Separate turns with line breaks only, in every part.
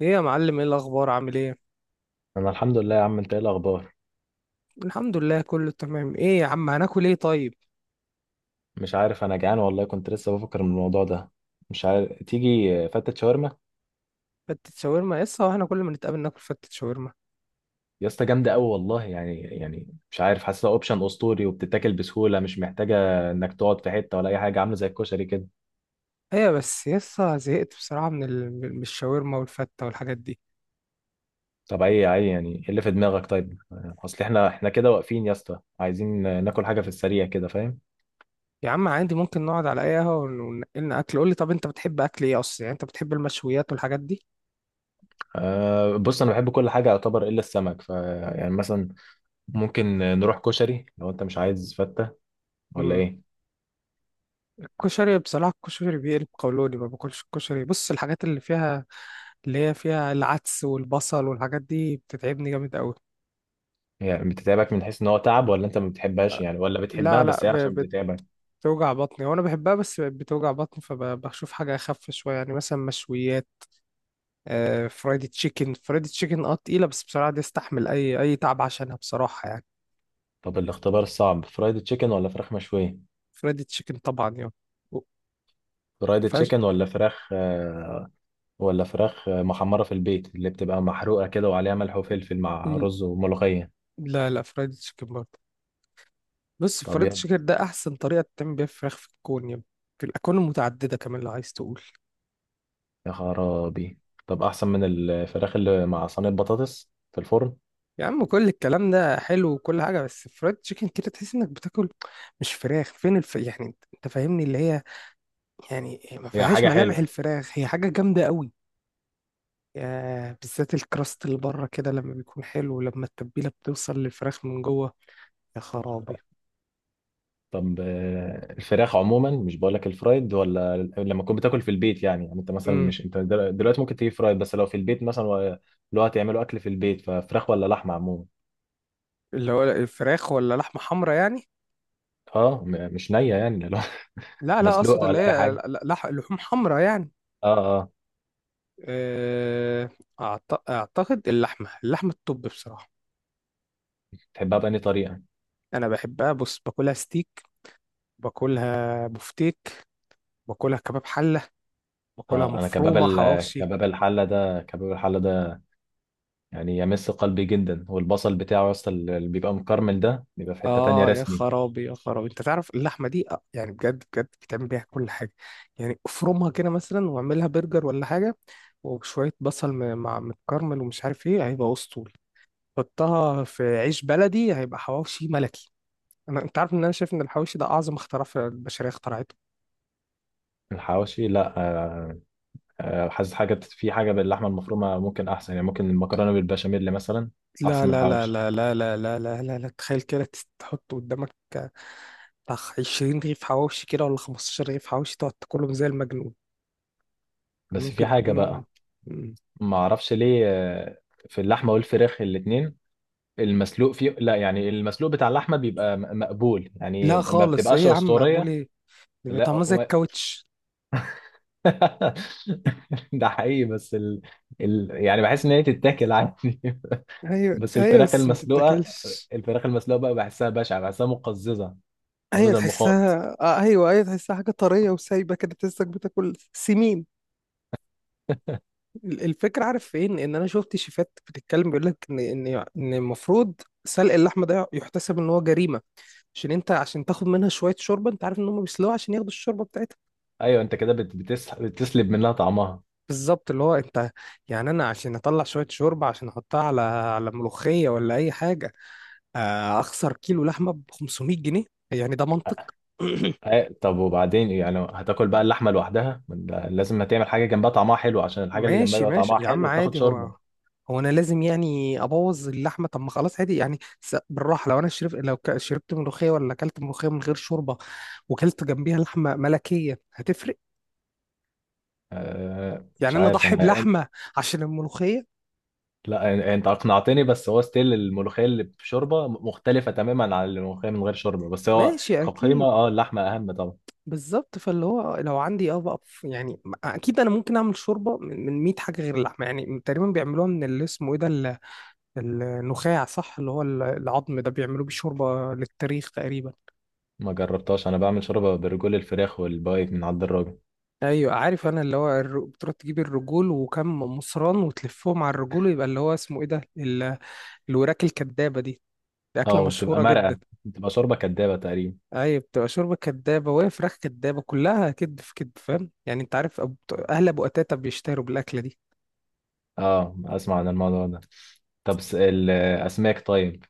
ايه يا معلم، ايه الاخبار؟ عامل ايه؟
انا الحمد لله يا عم. انت ايه الاخبار؟
الحمد لله كله تمام. ايه يا عم، هناكل ايه طيب؟
مش عارف، انا جعان والله، كنت لسه بفكر من الموضوع ده. مش عارف تيجي فتة شاورما.
فتة شاورما يسا؟ واحنا كل ما نتقابل ناكل فتة شاورما.
يا اسطى جامده قوي والله، يعني مش عارف، حاسسها اوبشن اسطوري وبتتاكل بسهوله، مش محتاجه انك تقعد في حته ولا اي حاجه، عامله زي الكشري كده.
ايه بس يسا، زهقت بصراحة من من الشاورما والفتة والحاجات دي.
طب اي يعني ايه اللي في دماغك؟ طيب اصل احنا كده واقفين يا اسطى، عايزين ناكل حاجه في السريع كده، فاهم؟
يا عم عادي، ممكن نقعد على اي قهوة وننقلنا اكل. قول لي طب، انت بتحب اكل ايه اصلا؟ يعني انت بتحب المشويات والحاجات دي؟
أه بص، انا بحب كل حاجه يعتبر الا السمك. يعني مثلا ممكن نروح كشري لو انت مش عايز فته، ولا
امم
ايه؟
الكشري بصراحة، الكشري بيقلب قولوني، ما باكلش الكشري. بص الحاجات اللي فيها، اللي هي فيها العدس والبصل والحاجات دي بتتعبني جامد قوي.
يعني بتتعبك من حيث ان هو تعب، ولا انت ما بتحبهاش يعني، ولا بتحبها
لا لا،
بس هي عشان بتتعبك؟
بتوجع بطني وانا بحبها بس بقت بتوجع بطني، فبشوف حاجه اخف شويه، يعني مثلا مشويات. آه فرايدي تشيكن، فرايدي تشيكن تقيله، بس بصراحه دي استحمل اي تعب عشانها بصراحه يعني.
طب الاختبار الصعب فرايد تشيكن ولا فراخ مشوية؟
فرايدي تشيكن طبعا يعني. و-
فرايد
فاش.
تشيكن ولا فراخ. ولا فراخ محمرة في البيت اللي بتبقى محروقة كده وعليها ملح وفلفل مع
مم،
رز وملوخية.
لا لا، فرايدي تشيكن برضه. بص،
طب
فرايدي
يا
تشيكن ده احسن طريقه تعمل بيها فراخ في الكون، يعني في الاكوان المتعدده كمان لو عايز تقول.
يا خرابي. طب احسن من الفراخ اللي مع صينية بطاطس في الفرن.
يا عم كل الكلام ده حلو وكل حاجه، بس فرايد تشيكن كده تحس انك بتاكل مش فراخ. فين يعني انت فاهمني، اللي هي يعني ما
هي
فيهاش
حاجة
ملامح
حلوة.
الفراخ، هي حاجة جامدة قوي. آه، بالذات الكراست اللي بره كده لما بيكون حلو، لما التتبيلة بتوصل للفراخ من جوه. يا خرابي.
طب الفراخ عموما، مش بقول لك الفرايد ولا لما تكون بتاكل في البيت، يعني انت مثلا،
امم
مش انت دلوقتي ممكن تجيب فرايد، بس لو في البيت مثلا لو هتعملوا اكل في البيت ففراخ ولا لحمه عموما؟
اللي هو الفراخ ولا لحمة حمرا يعني؟
اه، مش نيه يعني لو
لا لا،
مسلوقه
اقصد اللي
ولا اي
هي
حاجه.
لحوم حمرا يعني.
اه اه.
آه. اعتقد اللحمة الطب بصراحة.
تحبها بأي طريقه؟
انا بحبها، بص، باكلها ستيك، باكلها بفتيك، باكلها كباب حلة، باكلها
اه، انا كباب
مفرومة حواوشي.
كباب الحله ده يعني يمس قلبي جدا، والبصل بتاعه يا اسطى اللي بيبقى مكرمل ده، بيبقى في حته تانية
اه يا
رسمي.
خرابي يا خرابي، انت تعرف اللحمه دي آه، يعني بجد بجد بتعمل بيها كل حاجه. يعني افرمها كده مثلا واعملها برجر ولا حاجه، وشويه بصل مع متكرمل ومش عارف ايه، هيبقى اسطوري. حطها في عيش بلدي هيبقى حواوشي ملكي. انت عارف ان انا شايف ان الحواوشي ده اعظم اختراع في البشريه اخترعته.
الحواوشي، لا آه. حاسس حاجة، في حاجة باللحمة المفرومة ممكن أحسن، يعني ممكن المكرونة بالبشاميل مثلا.
لا
أحسن من
لا لا
الحواوشي.
لا لا لا لا لا لا، لا. تخيل كده تحط قدامك آه، بتاع 20 رغيف حواوشي كده ولا 15 رغيف حواوشي تقعد تاكلهم زي المجنون.
بس في
ممكن
حاجة
تكون.
بقى، ما أعرفش ليه، في اللحمة والفراخ الاتنين، المسلوق فيه لا. يعني المسلوق بتاع اللحمة بيبقى مقبول، يعني
لا
ما
خالص، ايه
بتبقاش
يا عم مقبول
أسطورية.
ايه ده، بيبقى
لا
طعمها زي الكاوتش.
ده حقيقي، بس يعني بحس إن هي تتاكل عادي
ايوه
بس
ايوه،
الفراخ
بس ما
المسلوقة
تتاكلش.
الفراخ المسلوقة بقى بحسها بشعة، بحسها مقززة.
ايوه
ده المخاط.
تحسها آه، ايوه ايوه تحسها حاجه طريه وسايبه كده، تحسك بتاكل سمين. الفكرة عارف فين، ان انا شفت شيفات بتتكلم بيقول لك ان ان المفروض سلق اللحمة ده يحتسب ان هو جريمة، عشان انت عشان تاخد منها شوية شوربة. انت عارف ان هم بيسلقوها عشان ياخدوا الشوربة بتاعتها.
أيوه، أنت كده بتسلب منها طعمها.
بالظبط، اللي هو انت، يعني انا عشان اطلع شوية شوربة عشان احطها على على ملوخية ولا اي حاجة، آه، اخسر كيلو لحمه ب 500 جنيه. يعني ده منطق؟
طب وبعدين إيه؟ يعني هتاكل بقى اللحمه لوحدها؟ ما أنت لازم هتعمل حاجه جنبها طعمها حلو، عشان الحاجه اللي جنبها
ماشي
يبقى
ماشي
طعمها
يا عم
حلو تاخد
عادي.
شوربه.
هو، هو انا لازم يعني ابوظ اللحمه؟ طب ما خلاص عادي يعني، بالراحه. لو انا شرب، لو شربت ملوخيه ولا اكلت ملوخيه من غير شوربه وكلت جنبيها لحمه ملكيه هتفرق.
أه
يعني
مش
انا
عارف،
اضحي
انا.
بلحمه عشان الملوخيه؟
لا، انت اقنعتني، بس هو ستيل الملوخيه اللي بشوربه مختلفه تماما عن الملوخيه من غير شوربه، بس هو
ماشي
كقيمه
اكيد.
اللحمه اهم طبعا.
بالظبط، فاللي هو لو عندي بقى يعني اكيد انا ممكن اعمل شوربه من 100 حاجه غير اللحمه. يعني تقريبا بيعملوها من اللي اسمه ايه ده، النخاع صح، اللي هو العظم ده بيعملوه بشوربة للتاريخ تقريبا.
ما جربتهاش، انا بعمل شوربه برجول الفراخ والبايت من عند الراجل.
ايوه عارف انا، اللي هو بتروح تجيب الرجول وكم مصران وتلفهم على الرجول، ويبقى اللي هو اسمه ايه ده الوراك الكدابة دي. دي
اه
أكلة
وبتبقى
مشهورة
مرقه،
جدا.
بتبقى شوربه كدابه تقريبا.
ايوه، بتبقى شوربة كدابة وهي فراخ كدابة، كلها كدب في كدب فاهم يعني. انت عارف اهل ابو قتاتة بيشتهروا بالأكلة دي.
اه، اسمع عن الموضوع ده. طب الاسماك طيب؟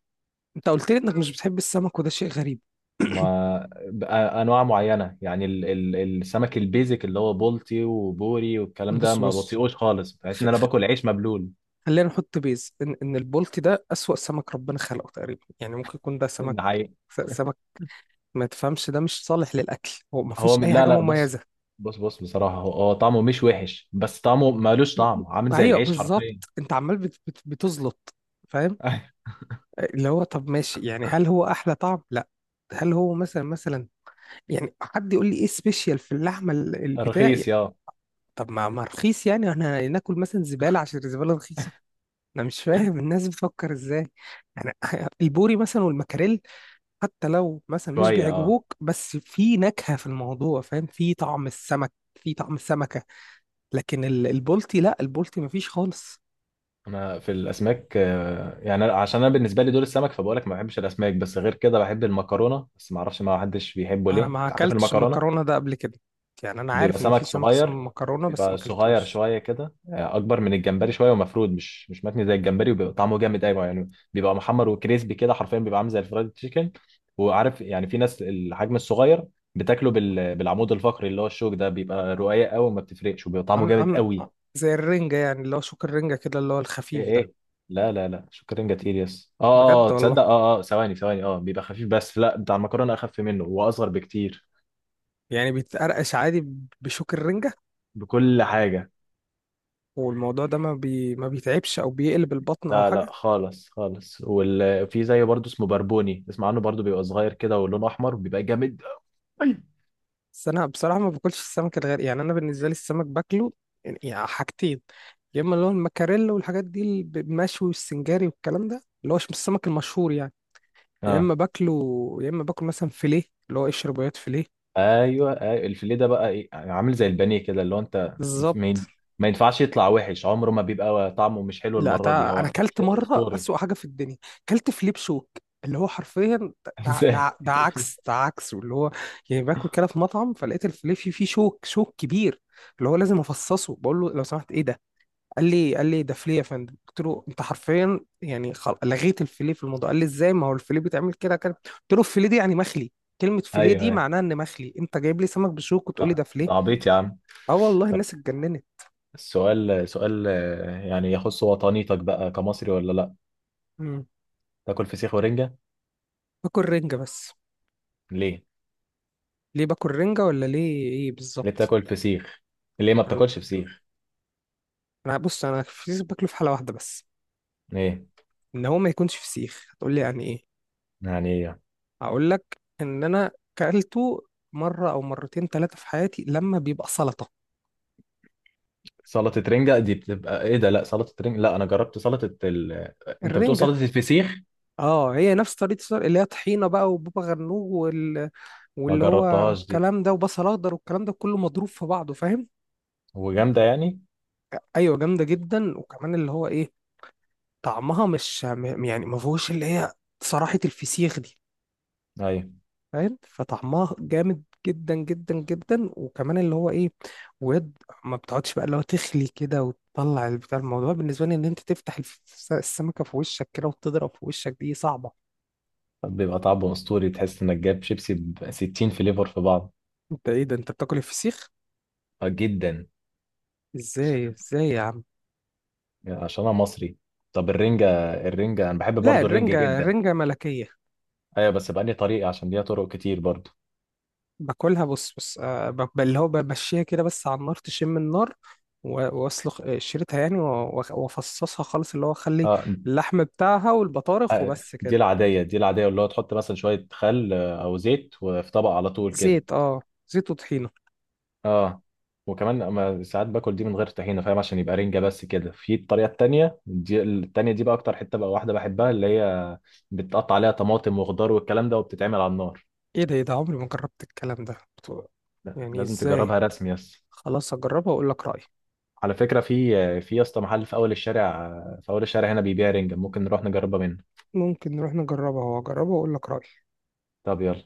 انت قلت لي انك مش بتحب السمك وده شيء غريب.
ما بقى انواع معينه، يعني ال السمك البيزك اللي هو بولتي وبوري والكلام ده
بص
ما
بص،
بطيقوش خالص، بحس ان انا باكل عيش مبلول.
خلينا نحط بيز ان البولتي ده اسوأ سمك ربنا خلقه تقريبا. يعني ممكن يكون ده سمك،
ده حقيقي.
سمك ما تفهمش، ده مش صالح للاكل، هو ما
هو
فيهوش اي
لا
حاجه
لا، بص
مميزه.
بص بص بصراحه، هو هو طعمه مش وحش بس طعمه مالوش
م- م-
طعم، عامل زي
ايوه
العيش حرفيا.
بالظبط، انت عمال بت بتزلط فاهم. اللي هو طب ماشي يعني، هل هو احلى طعم؟ لا. هل هو مثلا يعني، حد يقول لي ايه سبيشال في اللحمه البتاع؟
رخيص
طب ما رخيص، يعني احنا ناكل مثلا زباله عشان الزباله رخيصه؟ انا مش فاهم الناس بتفكر ازاي. يعني البوري مثلا والمكاريل، حتى لو مثلا مش
شويه
بيعجبوك بس في نكهة في الموضوع فاهم، في طعم السمك، في طعم السمكة. لكن البولتي لا، البولتي مفيش خالص.
انا في الاسماك يعني عشان انا بالنسبه لي دول السمك، فبقول لك ما بحبش الاسماك، بس غير كده بحب المكرونه، بس ما اعرفش ما حدش بيحبه ليه.
انا ما
انت عارف
اكلتش
المكرونه،
المكرونة ده قبل كده. يعني انا
بيبقى
عارف ان في
سمك
سمك اسمه
صغير،
مكرونة بس ما
بيبقى صغير
اكلتوش.
شويه كده، اكبر من الجمبري شويه ومفرود، مش متني زي الجمبري، وبيبقى طعمه جامد قوي، يعني بيبقى محمر وكريسبي كده حرفيا، بيبقى عامل زي الفرايد تشيكن. وعارف، يعني في ناس الحجم الصغير بتاكله بالعمود الفقري اللي هو الشوك ده، بيبقى رقيق قوي وما بتفرقش، وبيبقى طعمه
عم
جامد
عم
قوي.
زي الرنجة يعني، اللي هو شوك الرنجة كده اللي هو
ايه
الخفيف ده.
ايه. لا لا لا، شكرا كتير يس. اه، اه
بجد والله.
تصدق؟ اه اه. ثواني ثواني. اه بيبقى خفيف، بس لا، بتاع المكرونه اخف منه واصغر بكتير.
يعني بيتقرقش عادي بشوك الرنجة؟
بكل حاجه.
والموضوع ده ما بيتعبش او بيقلب البطن او
لا
حاجة؟
لا خالص خالص. وفي زي برضه اسمه بربوني، اسمع عنه برضه، بيبقى صغير كده ولونه احمر، بيبقى جامد أوي.
بس انا بصراحه ما باكلش السمك الغالي. يعني انا بالنسبه لي السمك باكله يعني حاجتين، يا اما اللي هو المكاريلا والحاجات دي اللي بالمشوي والسنجاري والكلام ده اللي هو مش السمك المشهور يعني، يا
اه
اما باكله، يا اما باكل مثلا فيليه، اللي هو قشر بياض فيليه.
ايوه ايوه، الفيليه ده بقى ايه؟ يعني عامل زي البانيه كده، اللي هو انت ما ين-
بالظبط.
ما ينفعش يطلع وحش، عمره ما بيبقى طعمه مش حلو،
لا،
المره دي
انا
هو
اكلت
شيء
مره
اسطوري.
اسوأ حاجه في الدنيا، اكلت فيليه بشوك، اللي هو حرفيا. ده
ازاي؟
ده ده عكس، ده عكس اللي هو. يعني باكل كده في مطعم فلقيت الفيليه فيه شوك كبير، اللي هو لازم افصصه. بقول له لو سمحت ايه ده؟ قال لي ده فليه يا فندم. قلت له انت حرفيا يعني لغيت الفليه في الموضوع. قال لي ازاي، ما هو الفليه بيتعمل كده كده. قلت له الفليه دي يعني مخلي. كلمه فليه
ايوه
دي
أيوة.
معناها ان مخلي، انت جايب لي سمك بشوك وتقول لي
ده
ده فليه؟
ده عبيط يا عم.
اه والله
طب
الناس اتجننت.
السؤال، سؤال يعني يخص وطنيتك بقى كمصري، ولا لا؟
مم.
تاكل فسيخ ورنجة؟
باكل رنجه بس.
ليه؟
ليه باكل رنجه ولا ليه ايه
ليه
بالظبط؟
بتاكل فسيخ؟ ليه ما بتاكلش فسيخ؟
انا بص، انا الفسيخ باكله في حاله واحده بس،
ليه؟
ان هو ما يكونش فسيخ. هتقول لي يعني ايه؟
يعني.
هقول لك ان انا كلته مره او مرتين ثلاثه في حياتي لما بيبقى سلطه.
سلطة رنجة دي بتبقى ايه ده؟ لا سلطة رنجة، لا انا جربت سلطة انت بتقول
الرنجه
سلطة الفسيخ.
اه هي نفس طريقة السلق، اللي هي طحينة بقى وبابا غنوج
ما
واللي هو
جربتهاش دي.
الكلام ده وبصل اخضر والكلام ده كله مضروب في بعضه فاهم.
وجامدة يعني؟
ايوه جامدة جدا، وكمان اللي هو ايه، طعمها مش يعني ما فيهوش اللي هي، صراحة الفسيخ دي
ايوه،
فاهم، فطعمها جامد جدا جدا جدا، وكمان اللي هو ايه، ويد ما بتقعدش بقى، اللي هو تخلي كده وتطلع البتاع، الموضوع بالنسبة لي ان انت تفتح السمكة في وشك كده وتضرب في وشك، دي صعبة.
بيبقى طعمه اسطوري، تحس انك جايب شيبسي ب 60 فليفر في بعض.
انت ايه ده، انت بتاكل الفسيخ؟
جدا.
ازاي ازاي يا عم؟
عشان انا مصري. طب الرنجة، انا بحب
لا
برضو الرنجة
الرنجة،
جدا.
الرنجة ملكية.
ايوه بس بأني طريقة؟ عشان ليها طرق كتير برضو.
باكلها بص بص آه، اللي هو بمشيها كده بس على النار تشم النار واسلخ آه، شريتها يعني وافصصها خالص، اللي هو اخلي
اه
اللحم بتاعها والبطارخ
آه،
وبس
دي
كده.
العادية، اللي هو تحط مثلا شوية خل او زيت، وفي طبق على طول كده.
زيت اه، زيت وطحينة.
اه، وكمان اما ساعات باكل دي من غير طحينه، فاهم؟ عشان يبقى رنجه بس كده. في الطريقه التانيه، دي بقى اكتر حته بقى واحده بحبها، اللي هي بتقطع عليها طماطم وخضار والكلام ده، وبتتعمل على النار.
ايه ده ايه ده، عمري ما جربت الكلام ده
لا،
يعني
لازم
ازاي؟
تجربها رسمي يس.
خلاص هجربها واقول لك رأيي.
على فكره، في يا اسطى محل في اول الشارع، في اول الشارع هنا، بيبيع رنجه، ممكن نروح نجربها منه.
ممكن نروح نجربها واجربها واقول لك رأيي.
طب يلا.